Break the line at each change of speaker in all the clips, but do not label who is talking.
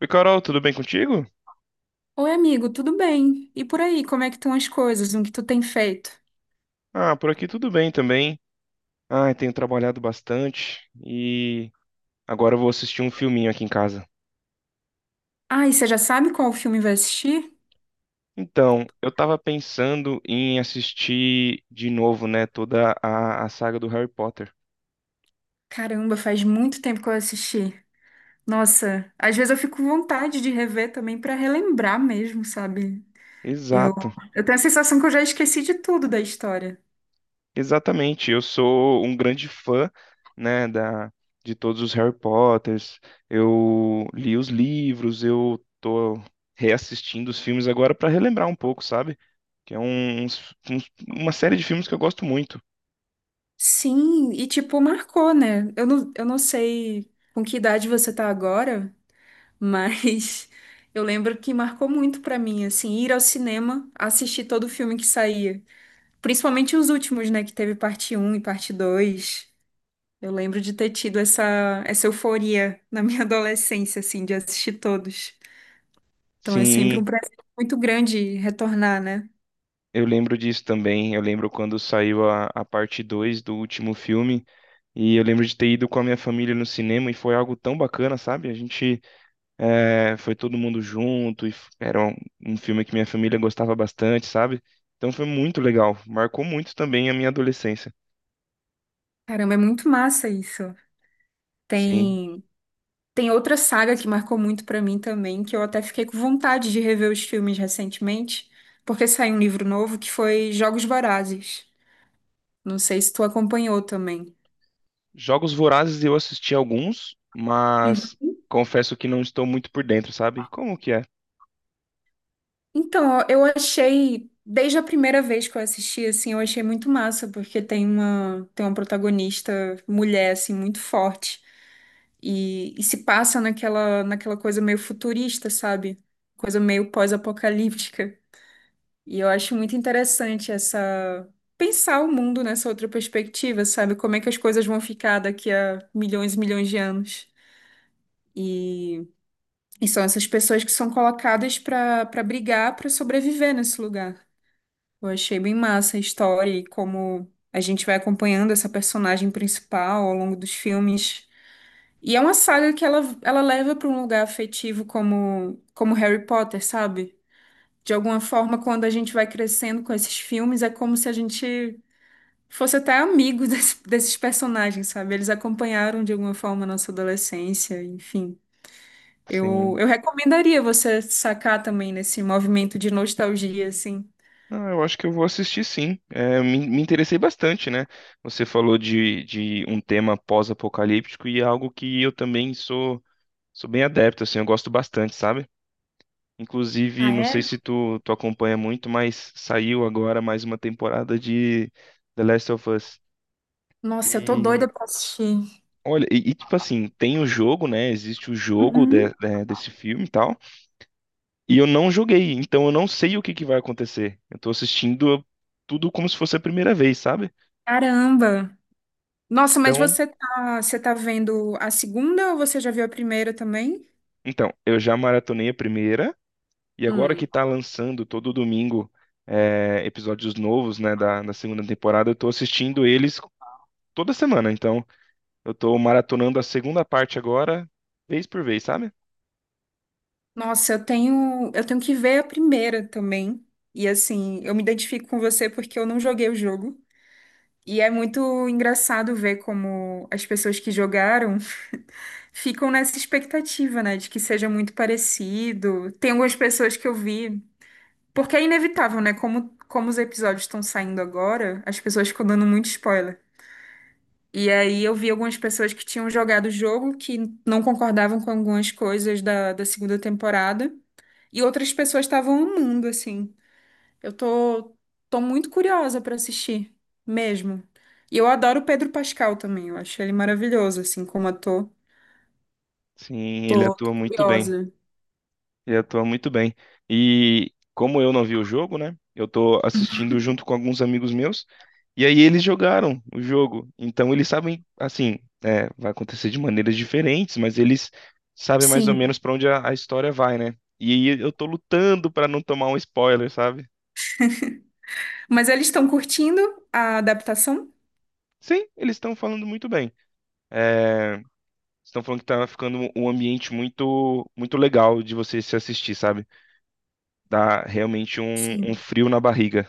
Oi, Carol, tudo bem contigo?
Oi, amigo, tudo bem? E por aí, como é que estão as coisas? O que tu tem feito?
Ah, por aqui tudo bem também. Ah, tenho trabalhado bastante e agora eu vou assistir um filminho aqui em casa.
Ah, e você já sabe qual filme vai assistir?
Então, eu tava pensando em assistir de novo, né, toda a saga do Harry Potter.
Caramba, faz muito tempo que eu assisti. Nossa, às vezes eu fico com vontade de rever também pra relembrar mesmo, sabe? Eu,
Exato,
eu tenho a sensação que eu já esqueci de tudo da história.
exatamente. Eu sou um grande fã, né, de todos os Harry Potters. Eu li os livros, eu tô reassistindo os filmes agora para relembrar um pouco, sabe? Que é uma série de filmes que eu gosto muito.
Sim, e tipo, marcou, né? Eu não sei com que idade você tá agora, mas eu lembro que marcou muito pra mim, assim, ir ao cinema, assistir todo o filme que saía. Principalmente os últimos, né? Que teve parte um e parte 2. Eu lembro de ter tido essa euforia na minha adolescência, assim, de assistir todos. Então é sempre
Sim,
um prazer muito grande retornar, né?
eu lembro disso também. Eu lembro quando saiu a parte 2 do último filme, e eu lembro de ter ido com a minha família no cinema, e foi algo tão bacana, sabe? A gente foi todo mundo junto, e era um filme que minha família gostava bastante, sabe? Então foi muito legal, marcou muito também a minha adolescência.
Caramba, é muito massa isso.
Sim.
Tem, tem outra saga que marcou muito pra mim também, que eu até fiquei com vontade de rever os filmes recentemente, porque saiu um livro novo que foi Jogos Vorazes. Não sei se tu acompanhou também.
Jogos Vorazes eu assisti alguns, mas confesso que não estou muito por dentro, sabe? Como que é?
Então, eu achei, desde a primeira vez que eu assisti, assim, eu achei muito massa, porque tem uma protagonista mulher, assim, muito forte. E se passa naquela, naquela coisa meio futurista, sabe? Coisa meio pós-apocalíptica. E eu acho muito interessante essa pensar o mundo nessa outra perspectiva, sabe? Como é que as coisas vão ficar daqui a milhões e milhões de anos. E, e são essas pessoas que são colocadas para brigar, para sobreviver nesse lugar. Eu achei bem massa a história e como a gente vai acompanhando essa personagem principal ao longo dos filmes. E é uma saga que ela leva para um lugar afetivo como, como Harry Potter, sabe? De alguma forma, quando a gente vai crescendo com esses filmes, é como se a gente fosse até amigo desses personagens, sabe? Eles acompanharam de alguma forma a nossa adolescência, enfim. Eu,
Sim.
eu recomendaria você sacar também nesse movimento de nostalgia, assim.
Não, eu acho que eu vou assistir sim. É, me interessei bastante, né? Você falou de um tema pós-apocalíptico e é algo que eu também sou bem adepto, assim, eu gosto bastante, sabe? Inclusive,
Ah,
não sei
é?
se tu acompanha muito, mas saiu agora mais uma temporada de The Last of Us.
Nossa, eu tô
E
doida pra assistir.
olha, e, tipo assim, tem o jogo, né? Existe o jogo
Uhum.
desse filme e tal. E eu não joguei, então eu não sei o que que vai acontecer. Eu tô assistindo tudo como se fosse a primeira vez, sabe?
Caramba! Nossa, mas
então
você tá vendo a segunda ou você já viu a primeira também?
Então, eu já maratonei a primeira, e agora que
Hum.
tá lançando todo domingo episódios novos, né, da segunda temporada, eu tô assistindo eles toda semana. Então, eu tô maratonando a segunda parte agora, vez por vez, sabe?
Nossa, eu tenho que ver a primeira também. E assim, eu me identifico com você porque eu não joguei o jogo. E é muito engraçado ver como as pessoas que jogaram ficam nessa expectativa, né, de que seja muito parecido. Tem algumas pessoas que eu vi, porque é inevitável, né, como os episódios estão saindo agora, as pessoas ficam dando muito spoiler. E aí eu vi algumas pessoas que tinham jogado o jogo que não concordavam com algumas coisas da segunda temporada. E outras pessoas estavam amando, assim. Eu tô, tô muito curiosa pra assistir, mesmo. E eu adoro o Pedro Pascal também, eu acho ele maravilhoso, assim, como ator.
Sim, ele
Tô
atua muito bem.
curiosa.
Ele atua muito bem. E como eu não vi o jogo, né? Eu tô assistindo junto com alguns amigos meus. E aí eles jogaram o jogo. Então eles sabem, assim, vai acontecer de maneiras diferentes, mas eles sabem mais ou
Sim.
menos pra onde a história vai, né? E aí eu tô lutando pra não tomar um spoiler, sabe?
Mas eles estão curtindo a adaptação?
Sim, eles estão falando muito bem. É, estão falando que tá ficando um ambiente muito, muito legal de você se assistir, sabe? Dá realmente um
Sim.
frio na barriga.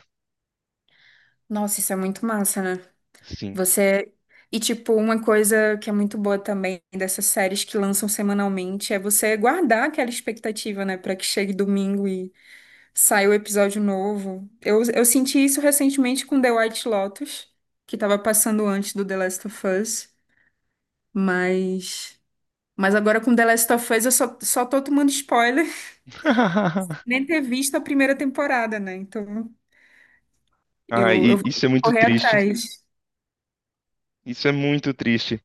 Nossa, isso é muito massa, né?
Sim.
Você. E, tipo, uma coisa que é muito boa também dessas séries que lançam semanalmente é você guardar aquela expectativa, né, pra que chegue domingo e saia o episódio novo. Eu senti isso recentemente com The White Lotus, que tava passando antes do The Last of Us, mas. Mas agora com The Last of Us eu só tô tomando spoiler, nem ter visto a primeira temporada, né? Então
Ah,
eu vou
isso é muito
correr
triste.
atrás.
Isso é muito triste.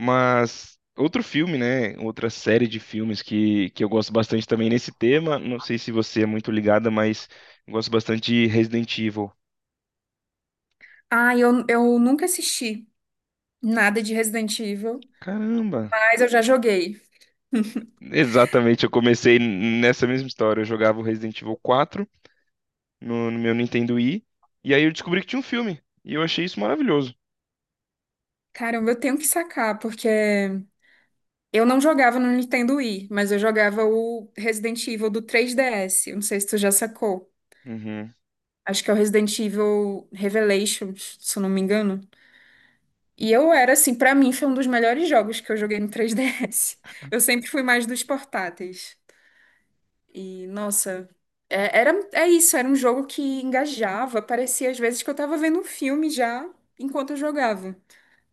Mas outro filme, né? Outra série de filmes que eu gosto bastante também nesse tema. Não sei se você é muito ligada, mas eu gosto bastante de Resident Evil.
Ah, eu nunca assisti nada de Resident Evil.
Caramba!
Mas eu já joguei.
Exatamente, eu comecei nessa mesma história. Eu jogava o Resident Evil 4 no meu Nintendo Wii, e aí eu descobri que tinha um filme. E eu achei isso maravilhoso.
Caramba, eu tenho que sacar, porque eu não jogava no Nintendo Wii, mas eu jogava o Resident Evil do 3DS. Eu não sei se tu já sacou.
Uhum.
Acho que é o Resident Evil Revelations, se eu não me engano. E eu era, assim, pra mim foi um dos melhores jogos que eu joguei no 3DS. Eu sempre fui mais dos portáteis. E, nossa, é isso, era um jogo que engajava. Parecia às vezes que eu tava vendo um filme já enquanto eu jogava.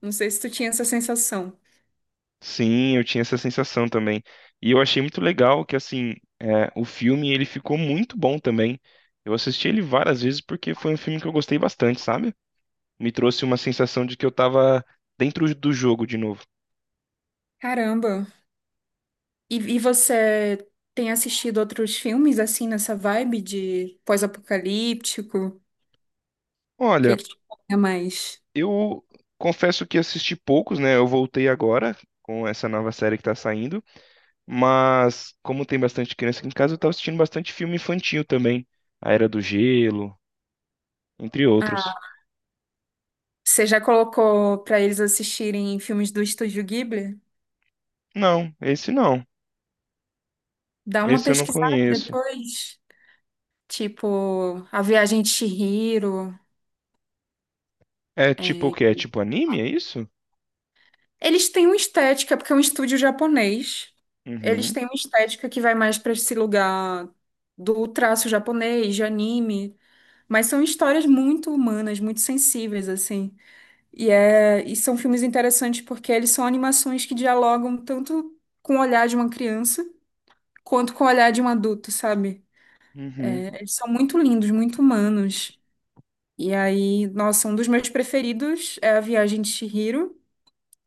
Não sei se tu tinha essa sensação.
Sim, eu tinha essa sensação também. E eu achei muito legal que, assim, o filme ele ficou muito bom também. Eu assisti ele várias vezes porque foi um filme que eu gostei bastante, sabe? Me trouxe uma sensação de que eu tava dentro do jogo de novo.
Caramba. E você tem assistido outros filmes assim nessa vibe de pós-apocalíptico? O que é
Olha,
que te pega mais?
eu confesso que assisti poucos, né? Eu voltei agora com essa nova série que tá saindo, mas como tem bastante criança aqui em casa, eu tava assistindo bastante filme infantil também. A Era do Gelo, entre
Ah,
outros.
você já colocou pra eles assistirem filmes do Estúdio Ghibli?
Não, esse não.
Dá uma
Esse eu não
pesquisada
conheço.
depois. Tipo, A Viagem de Chihiro.
É tipo o
É.
quê? É tipo anime, é isso?
Eles têm uma estética, porque é um estúdio japonês. Eles
Uhum,
têm uma estética que vai mais para esse lugar do traço japonês, de anime. Mas são histórias muito humanas, muito sensíveis, assim. E são filmes interessantes porque eles são animações que dialogam tanto com o olhar de uma criança quanto com o olhar de um adulto, sabe?
uhum.
É, eles são muito lindos, muito humanos. E aí, nossa, um dos meus preferidos é A Viagem de Chihiro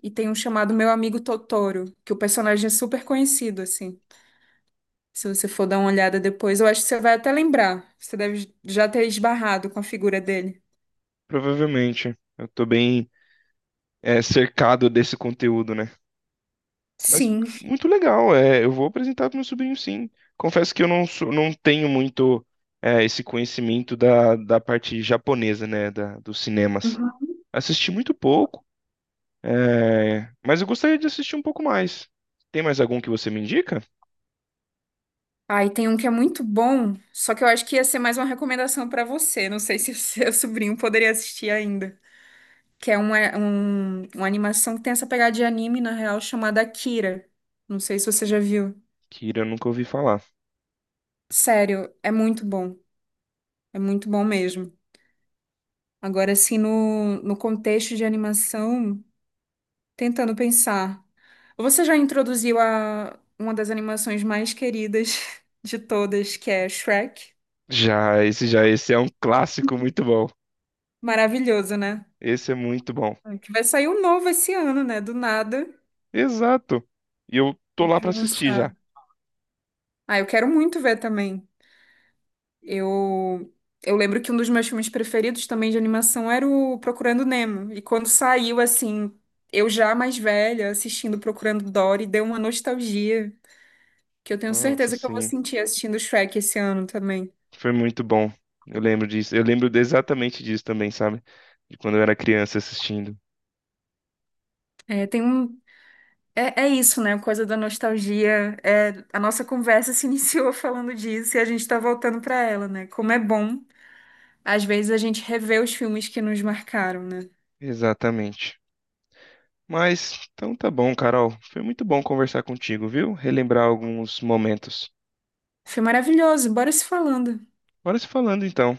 e tem um chamado Meu Amigo Totoro, que o personagem é super conhecido, assim. Se você for dar uma olhada depois, eu acho que você vai até lembrar. Você deve já ter esbarrado com a figura dele.
Provavelmente. Eu tô bem cercado desse conteúdo, né? Mas
Sim.
muito legal. É, eu vou apresentar pro meu sobrinho, sim. Confesso que eu não, sou- não tenho muito esse conhecimento da parte japonesa, né? Dos cinemas. Assisti muito pouco, mas eu gostaria de assistir um pouco mais. Tem mais algum que você me indica?
Aí tem um que é muito bom, só que eu acho que ia ser mais uma recomendação pra você. Não sei se o seu sobrinho poderia assistir ainda. Que é uma animação que tem essa pegada de anime, na real, chamada Akira. Não sei se você já viu.
Kira, eu nunca ouvi falar.
Sério, é muito bom. É muito bom mesmo. Agora, assim, no contexto de animação, tentando pensar. Você já introduziu uma das animações mais queridas de todas, que é Shrek?
Já, esse é um clássico muito bom.
Maravilhoso, né?
Esse é muito bom.
É, que vai sair um novo esse ano, né? Do nada.
Exato. E eu tô lá
De
pra assistir
lançar.
já.
Ah, eu quero muito ver também. Eu, eu lembro que um dos meus filmes preferidos também de animação era o Procurando Nemo. E quando saiu, assim, eu já mais velha, assistindo Procurando Dory, deu uma nostalgia que eu tenho
Nossa,
certeza que eu vou
sim,
sentir assistindo Shrek esse ano também.
foi muito bom. Eu lembro disso. Eu lembro exatamente disso também, sabe? De quando eu era criança assistindo.
É, tem um. É, é isso, né? A coisa da nostalgia. É, a nossa conversa se iniciou falando disso e a gente tá voltando pra ela, né? Como é bom. Às vezes a gente revê os filmes que nos marcaram, né?
Exatamente. Mas então tá bom, Carol. Foi muito bom conversar contigo, viu? Relembrar alguns momentos.
Foi maravilhoso, bora se falando.
Bora se falando então.